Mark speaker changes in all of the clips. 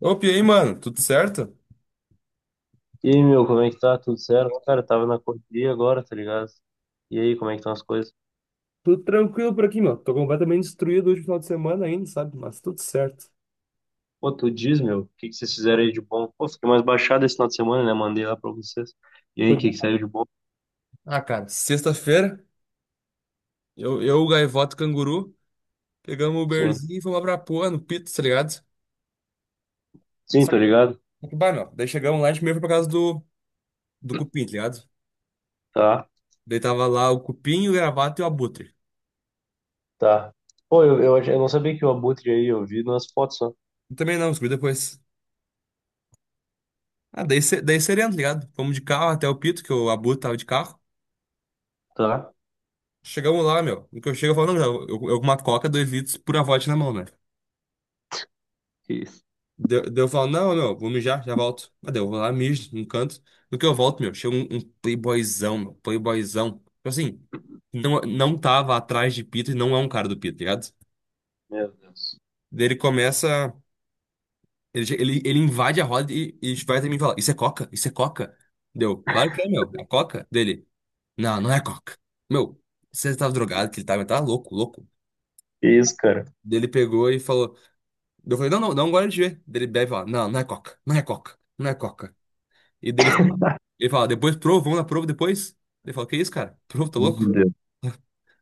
Speaker 1: Opa, e aí, mano? Tudo certo?
Speaker 2: E aí, meu, como é que tá? Tudo certo? Cara, eu tava na correria agora, tá ligado? E aí, como é que estão as coisas?
Speaker 1: Tudo tranquilo por aqui, meu. Tô completamente destruído hoje no final de semana ainda, sabe? Mas tudo certo.
Speaker 2: Pô, tu diz, meu, o que que vocês fizeram aí de bom? Pô, fiquei mais baixado esse final de semana, né? Mandei lá pra vocês. E aí, o que
Speaker 1: Cuida.
Speaker 2: que saiu de bom?
Speaker 1: Ah, cara, sexta-feira, eu, o Gaivota e o Canguru, pegamos o
Speaker 2: Sim.
Speaker 1: Uberzinho e fomos lá pra porra, no Pito, tá ligado?
Speaker 2: Sim,
Speaker 1: Só
Speaker 2: tô ligado?
Speaker 1: que, bah, meu, daí chegamos lá, a gente meio foi por causa do Cupim, tá ligado?
Speaker 2: Tá,
Speaker 1: Daí tava lá o Cupim, o Gravata e o Abutre.
Speaker 2: tá. Pô, eu não sabia que o Abutre aí, eu vi nas fotos só.
Speaker 1: Eu também não, descobri depois. Ah, daí, daí sereno, tá ligado? Fomos de carro até o Pito, que o Abutre tava de carro.
Speaker 2: Tá.
Speaker 1: Chegamos lá, meu, no que eu chego, eu falo, não, eu, eu com uma coca, 2 litros, pura vodka na mão, né?
Speaker 2: Que isso?
Speaker 1: Deu, eu falo, não, meu, vou mijar, já volto. Mas daí eu vou lá, mijo num canto. No que eu volto, meu, chega um playboyzão, meu, playboyzão. Tipo assim, não, não tava atrás de Pito e não é um cara do Pito, tá ligado?
Speaker 2: Meu Deus.
Speaker 1: Daí ele começa, ele invade a roda e vai até mim e fala, isso é coca? Isso é coca? Deu, claro que é, meu, é coca? Dele, não, não é coca. Meu, você tava drogado, que ele tava, tá louco, louco.
Speaker 2: Que isso, cara?
Speaker 1: Daí ele pegou e falou, eu falei, não, não, não, agora de ver. Daí ele bebe e fala, não, não é coca, não é coca, não é coca. E dele fala, ele fala, depois prova, vamos na prova depois? Ele fala, que isso, cara? Prova, tá
Speaker 2: Meu
Speaker 1: louco?
Speaker 2: Deus.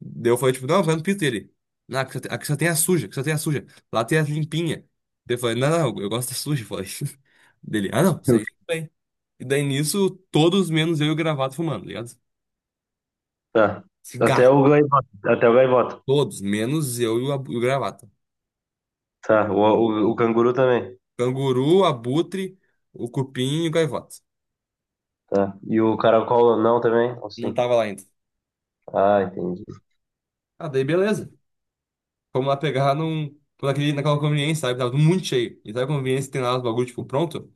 Speaker 1: Daí eu falei, tipo, não, vai no pito dele. Não, aqui só tem a suja, aqui só tem a suja. Lá tem a limpinha. Daí eu falei, não, não, eu gosto da suja, eu falei. Dele, ah, não, isso aí tudo bem. E daí nisso, todos menos eu e o Gravata fumando, tá ligado?
Speaker 2: Tá.
Speaker 1: Cigarro.
Speaker 2: Até o gaivota. Até o gaivota.
Speaker 1: Todos, menos eu e o Gravata.
Speaker 2: Tá. O canguru também.
Speaker 1: Canguru, Abutre, o Cupim e o Gaivota.
Speaker 2: Tá. E o caracol não também? Ou
Speaker 1: Não
Speaker 2: sim?
Speaker 1: tava lá ainda.
Speaker 2: Ah, entendi.
Speaker 1: Ah, daí beleza. Fomos lá pegar num, naquela conveniência, sabe? Tava tudo muito cheio. E sabe a conveniência que tem lá os bagulho, tipo, pronto?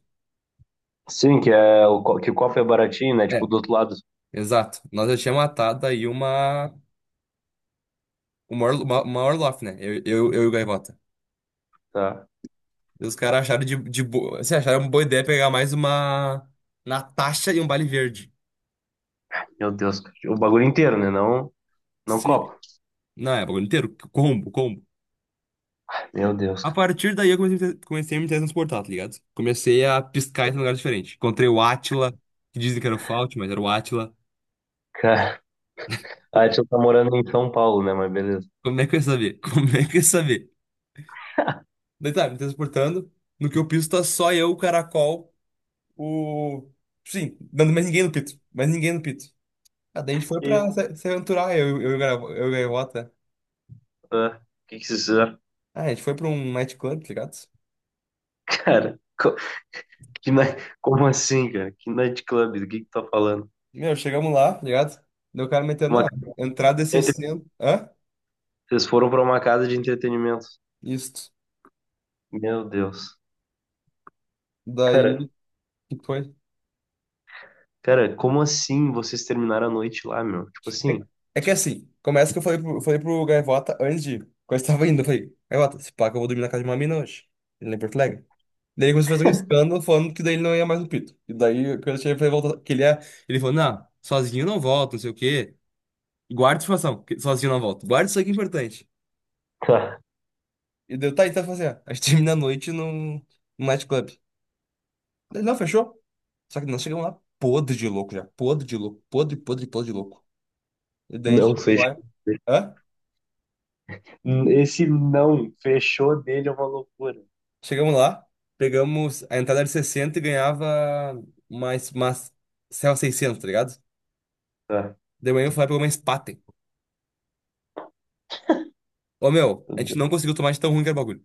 Speaker 2: Sim, que, é, que o copo é baratinho, né? Tipo,
Speaker 1: É.
Speaker 2: do outro lado.
Speaker 1: Exato. Nós já tínhamos matado aí uma Orloff, né? Eu e o Gaivota.
Speaker 2: Tá.
Speaker 1: E os caras acharam de boa. Assim, acharam uma boa ideia pegar mais uma Natasha e um Bale Verde.
Speaker 2: Meu Deus, cara. O bagulho inteiro, né? Não, não
Speaker 1: Sim.
Speaker 2: copo.
Speaker 1: Não, é, bagulho inteiro. Combo, combo.
Speaker 2: Meu Deus,
Speaker 1: A
Speaker 2: cara.
Speaker 1: partir daí eu comecei a me transportar, tá ligado? Comecei a piscar em um lugar diferente. Encontrei o Átila, que dizem que era o Fault, mas era o Átila.
Speaker 2: Cara, a tia tá morando em São Paulo, né? Mas beleza.
Speaker 1: Como é que eu ia saber? Como é que eu ia saber? Daí tá, me transportando. No que eu piso tá só eu, o Caracol, o. Sim, dando mais ninguém no Pito. Mais ninguém no Pito. Ah, daí a gente foi
Speaker 2: Que isso?
Speaker 1: pra se aventurar, eu, e o Gaivota.
Speaker 2: Ah, que isso? é?
Speaker 1: Ah, a gente foi pra um nightclub, tá ligado?
Speaker 2: Cara, como assim, cara? Que night club? Do que tu tá falando?
Speaker 1: Meu, chegamos lá, tá ligado? Daí o cara metendo,
Speaker 2: Uma
Speaker 1: não,
Speaker 2: casa
Speaker 1: entrada é
Speaker 2: de entre-
Speaker 1: 60. Hã?
Speaker 2: Vocês foram pra uma casa de entretenimento.
Speaker 1: Isso.
Speaker 2: Meu Deus. Cara,
Speaker 1: Daí, o que foi?
Speaker 2: cara, como assim vocês terminaram a noite lá, meu? Tipo
Speaker 1: É,
Speaker 2: assim,
Speaker 1: é que assim, começa que eu falei pro Gaivota antes de. Quando eu tava indo, eu falei, Gaivota, se pá que eu vou dormir na casa de uma mina hoje. Ele lá em Porto Alegre. Daí ele começou a fazer um escândalo falando que daí ele não ia mais no Pito. E daí, quando eu cheguei pra ele voltar, que ele ia. Ele falou, não, sozinho eu não volto, não sei o quê. Guarda a informação, que sozinho eu não volto. Guarda isso aqui é importante.
Speaker 2: tá,
Speaker 1: E deu, tá, então eu falei assim, ó, a gente termina a noite num nightclub. Daí, não, fechou. Só que nós chegamos lá podre de louco já. Podre de louco. Podre, podre, podre de louco. E daí a
Speaker 2: não
Speaker 1: gente
Speaker 2: sei.
Speaker 1: chegou lá. Hã?
Speaker 2: Esse não fechou dele é uma loucura.
Speaker 1: Chegamos lá, pegamos a entrada de 60 e ganhava mais Serra 600, tá ligado?
Speaker 2: Tá,
Speaker 1: De manhã eu fui lá e pegou uma Spaten. Ô meu, a gente não conseguiu tomar de tão ruim que era o bagulho.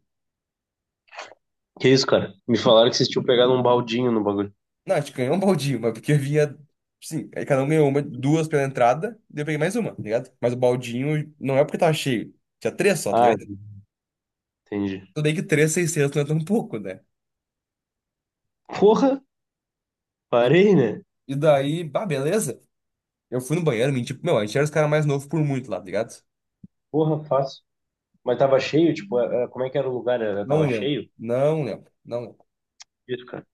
Speaker 2: que isso, cara? Me falaram que vocês tinham pegado um baldinho no bagulho.
Speaker 1: Não, a gente ganhou um baldinho, mas porque havia. Sim, aí cada um ganhou uma, duas pela entrada, daí eu peguei mais uma, tá ligado? Mas o baldinho não é porque tava cheio, tinha três só, tá
Speaker 2: Ah,
Speaker 1: ligado?
Speaker 2: entendi.
Speaker 1: Tudo bem que três, 600 não é tão pouco, né?
Speaker 2: Porra,
Speaker 1: E,
Speaker 2: parei, né?
Speaker 1: e daí, bah, beleza. Eu fui no banheiro, menti, tipo, meu, a gente era os caras mais novos por muito lá, tá ligado?
Speaker 2: Porra, fácil. Mas tava cheio, tipo, como é que era o lugar? Era, tava
Speaker 1: Não lembro,
Speaker 2: cheio?
Speaker 1: não lembro, não lembro.
Speaker 2: Isso, cara.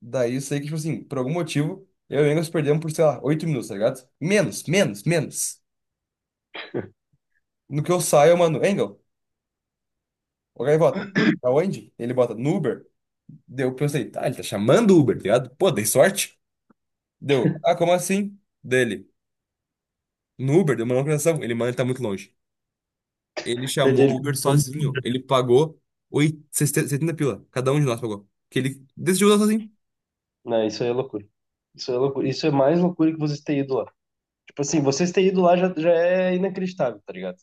Speaker 1: Daí eu sei que, tipo assim, por algum motivo, eu e o Engels perdemos por, sei lá, 8 minutos, tá ligado? Menos, menos, menos. No que eu saio, eu mando, o Gaivota, pra onde? Ele bota no Uber. Deu, eu pensei, tá, ele tá chamando o Uber, tá ligado? Pô, dei sorte. Deu, ah, como assim? Dele, no Uber, deu uma localização. Ele, mano, ele tá muito longe. Ele
Speaker 2: Entendi,
Speaker 1: chamou o Uber sozinho. Ele pagou 8, 70 pila. Cada um de nós pagou. Que ele decidiu usar sozinho.
Speaker 2: não, isso aí é loucura. Isso é loucura. Isso é mais loucura que vocês terem ido lá. Tipo assim, vocês terem ido lá já, já é inacreditável, tá ligado?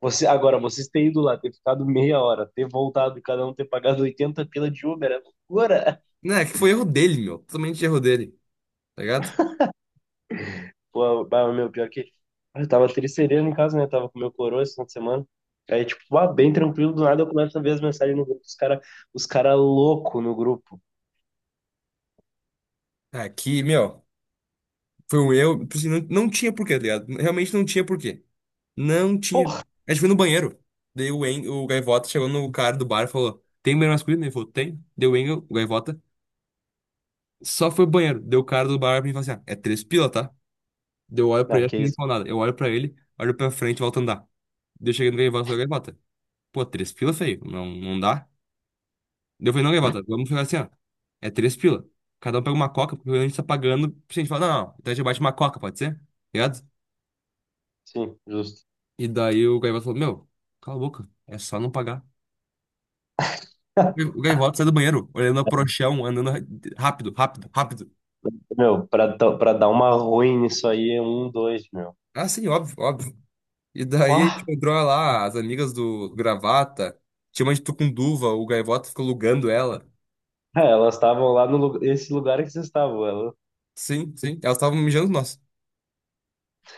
Speaker 2: Você, agora, vocês terem ido lá, ter ficado meia hora, ter voltado e cada um ter pagado 80 pila de Uber, é loucura.
Speaker 1: Né, que foi erro dele, meu. Totalmente erro dele, tá ligado?
Speaker 2: Pô, bah, meu, pior que. Eu tava tricerendo em casa, né? Tava com meu coroa esse final de semana. Aí, tipo, ah, bem tranquilo, do nada eu começo a ver as mensagens no grupo, os cara louco no grupo.
Speaker 1: Aqui, meu. Foi um erro, tipo assim, não, não tinha porquê, tá ligado? Realmente não tinha porquê. Não tinha.
Speaker 2: Porra,
Speaker 1: A gente foi no banheiro. Daí o Gaivota chegou no cara do bar e falou: Tem banheiro masculino? Ele falou: Tem. Deu o Gaivota. Só foi ao banheiro. Deu o cara do bar pra mim e falou assim: ah, é 3 pila, tá? Deu olho pra
Speaker 2: ah,
Speaker 1: ele, acho
Speaker 2: que
Speaker 1: que nem
Speaker 2: isso?
Speaker 1: falou nada. Eu olho pra ele, olho pra frente e volto a andar. Daí eu cheguei no Gaivota e falei: Gaivota, pô, 3 pila, feio. Não, não dá. Daí eu falei: Não, Gaivota, vamos ficar assim, ó. É 3 pila. Cada um pega uma coca, porque a gente tá pagando. Tipo assim, a gente fala: Não, não, então a gente bate uma coca, pode ser? Tá ligado?
Speaker 2: Sim, justo.
Speaker 1: E daí o Gaivota falou: Meu, cala a boca, é só não pagar. O Gaivota sai do banheiro, olhando a prochão, andando rápido, rápido, rápido.
Speaker 2: Meu, pra dar uma ruim nisso aí é um, dois, meu.
Speaker 1: Ah, sim, óbvio, óbvio. E daí,
Speaker 2: Pá!
Speaker 1: tipo, entrou lá as amigas do Gravata, tinha uma de Tucunduva, o Gaivota ficou alugando ela.
Speaker 2: É, elas estavam lá no lugar, esse lugar que vocês estavam. Elas,
Speaker 1: Sim, sim, elas estavam mijando nós.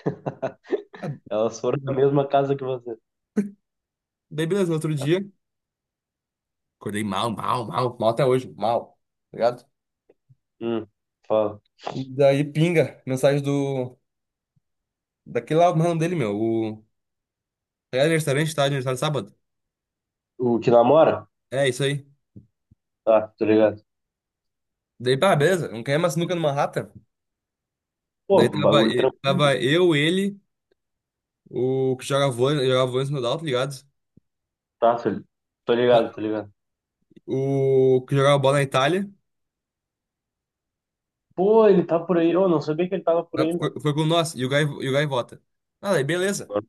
Speaker 1: Ah,
Speaker 2: elas foram na mesma casa que vocês.
Speaker 1: daí, beleza, no outro dia, acordei mal, mal, mal, mal até hoje, mal, tá ligado?
Speaker 2: Hum, fala.
Speaker 1: E daí, pinga, mensagem do. Daquele lá, o mano dele, meu, o. É aniversário, tá? Aniversário sábado.
Speaker 2: O que namora?
Speaker 1: É isso aí.
Speaker 2: Tá, tô ligado.
Speaker 1: Daí, pá, beleza, não quer mais sinuca no Manhattan.
Speaker 2: Pô,
Speaker 1: Daí
Speaker 2: um
Speaker 1: tava,
Speaker 2: bagulho
Speaker 1: e-
Speaker 2: tranquilo.
Speaker 1: tava eu, ele, o que jogava vôlei no Dal, tá ligado?
Speaker 2: Tá, tô
Speaker 1: Tá.
Speaker 2: ligado, tô ligado.
Speaker 1: O que jogava bola na Itália,
Speaker 2: Pô, ele tá por aí. Eu não sabia que ele tava por
Speaker 1: tá,
Speaker 2: aí, meu.
Speaker 1: foi, foi com nós, e e o Gaivota. Ah, daí, beleza,
Speaker 2: Agora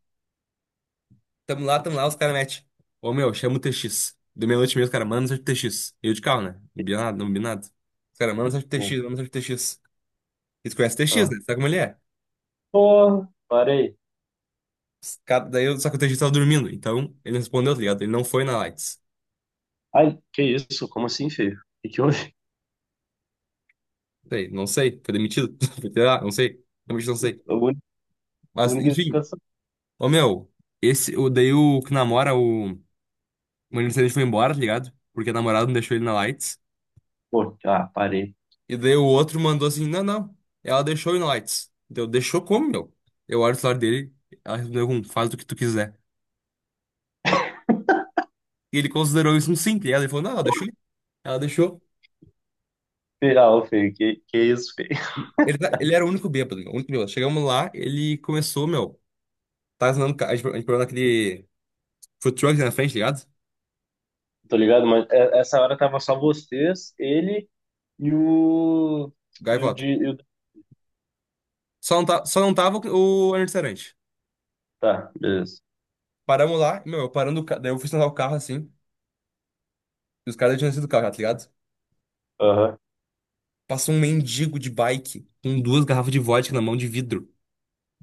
Speaker 1: tamo lá, os caras metem. Ô, meu, chama o TX. Deu meia-noite e meia, os caras, mano, seja o TX. Eu de carro, né? Não
Speaker 2: eu
Speaker 1: vi
Speaker 2: fiquei
Speaker 1: nada, não vi nada. Os caras, mano, seja o
Speaker 2: sabendo.
Speaker 1: TX, mano, seja o TX. Eles conhecem o TX,
Speaker 2: Ah.
Speaker 1: né? Sabe como ele é?
Speaker 2: Pô, parei.
Speaker 1: Daí, só que o TX tava dormindo, então ele não respondeu, tá ligado? Ele não foi na Lights.
Speaker 2: Ai, que isso? Como assim, feio? O que que houve?
Speaker 1: Sei, não sei. Foi demitido? Foi tirar? Não sei. Realmente não sei.
Speaker 2: A
Speaker 1: Mas,
Speaker 2: única
Speaker 1: enfim.
Speaker 2: explicação.
Speaker 1: Ô, meu. Esse, o, daí o que namora, o... O adolescente foi embora, tá ligado? Porque a namorada não deixou ele na Lights.
Speaker 2: Pô, ah, parei.
Speaker 1: E daí o outro mandou assim, não, não. Ela deixou ele na Lights. Deu, deixou como, meu? Eu olho o celular dele, ela respondeu com, faz do que tu quiser. E ele considerou isso um simples. Ela falou, não, ela deixou. Ela deixou.
Speaker 2: Feio, ah, ô, feio, que isso, feio?
Speaker 1: Ele era o único bêbado, meu. O único bêbado. Chegamos lá, ele começou, meu. Tá ensinando, a gente parou naquele food truck na frente, tá ligado?
Speaker 2: Tô ligado, mas essa hora tava só vocês, ele e o. E o
Speaker 1: Gaivota.
Speaker 2: de.
Speaker 1: Só não, tá, só não tava o Arnold.
Speaker 2: Tá, beleza.
Speaker 1: Paramos lá, meu, eu parando o carro. Daí eu fui estacionar o carro assim. E os caras já tinham sido do carro, já, tá ligado?
Speaker 2: Aham.
Speaker 1: Passou um mendigo de bike com 2 garrafas de vodka na mão de vidro,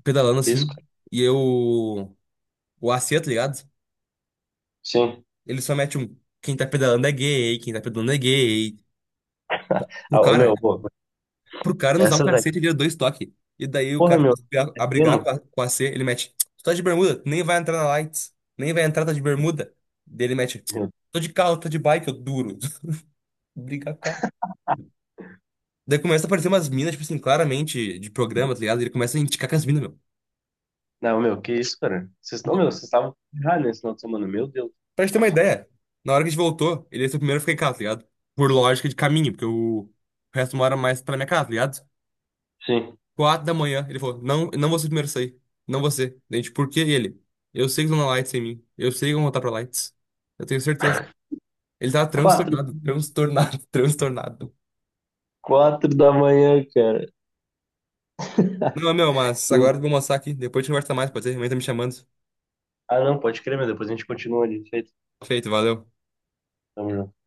Speaker 1: pedalando
Speaker 2: Que isso,
Speaker 1: assim.
Speaker 2: cara.
Speaker 1: E eu. O AC, tá ligado?
Speaker 2: Sim.
Speaker 1: Ele só mete um. Quem tá pedalando é gay, quem tá pedalando é gay. Pro
Speaker 2: Ah, ô,
Speaker 1: cara,
Speaker 2: meu, pô,
Speaker 1: pro cara nos dá um
Speaker 2: essas aí.
Speaker 1: cacete, ele deu 2 toques. E daí o
Speaker 2: Porra,
Speaker 1: cara
Speaker 2: meu,
Speaker 1: começa
Speaker 2: é
Speaker 1: a brigar
Speaker 2: pena,
Speaker 1: com o AC, ele mete. Tu tá de bermuda, tu nem vai entrar na Lights. Nem vai entrar, tá de bermuda. Daí ele mete.
Speaker 2: meu.
Speaker 1: Tô de carro, tô de bike, eu duro. Brigar, cara. Daí começa a aparecer umas minas, tipo assim, claramente de programa, tá ligado? Ele começa a indicar com as minas, meu.
Speaker 2: Não, meu, que isso, cara? Vocês, não, meu,
Speaker 1: Bom,
Speaker 2: vocês estavam errados nesse final de semana, meu Deus.
Speaker 1: pra gente ter uma ideia, na hora que a gente voltou, ele ia ser o primeiro a ficar em casa, tá ligado? Por lógica de caminho, porque o resto mora mais pra minha casa, tá ligado?
Speaker 2: Sim.
Speaker 1: 4 da manhã, ele falou: Não, eu não vou ser o primeiro a sair. Não você. Daí a gente, por que ele? Eu sei que estão na Lights sem mim. Eu sei que vão voltar pra Lights. Eu tenho certeza. Ele tava
Speaker 2: Quatro,
Speaker 1: transtornado, transtornado, transtornado.
Speaker 2: quatro da manhã, cara.
Speaker 1: Não, meu, mas agora
Speaker 2: Tem-
Speaker 1: eu vou mostrar aqui. Depois a gente conversa mais, pode ser? Minha mãe tá me chamando.
Speaker 2: Ah, não, pode crer, meu. Depois a gente continua ali. Feito.
Speaker 1: Feito, valeu.
Speaker 2: Tamo junto.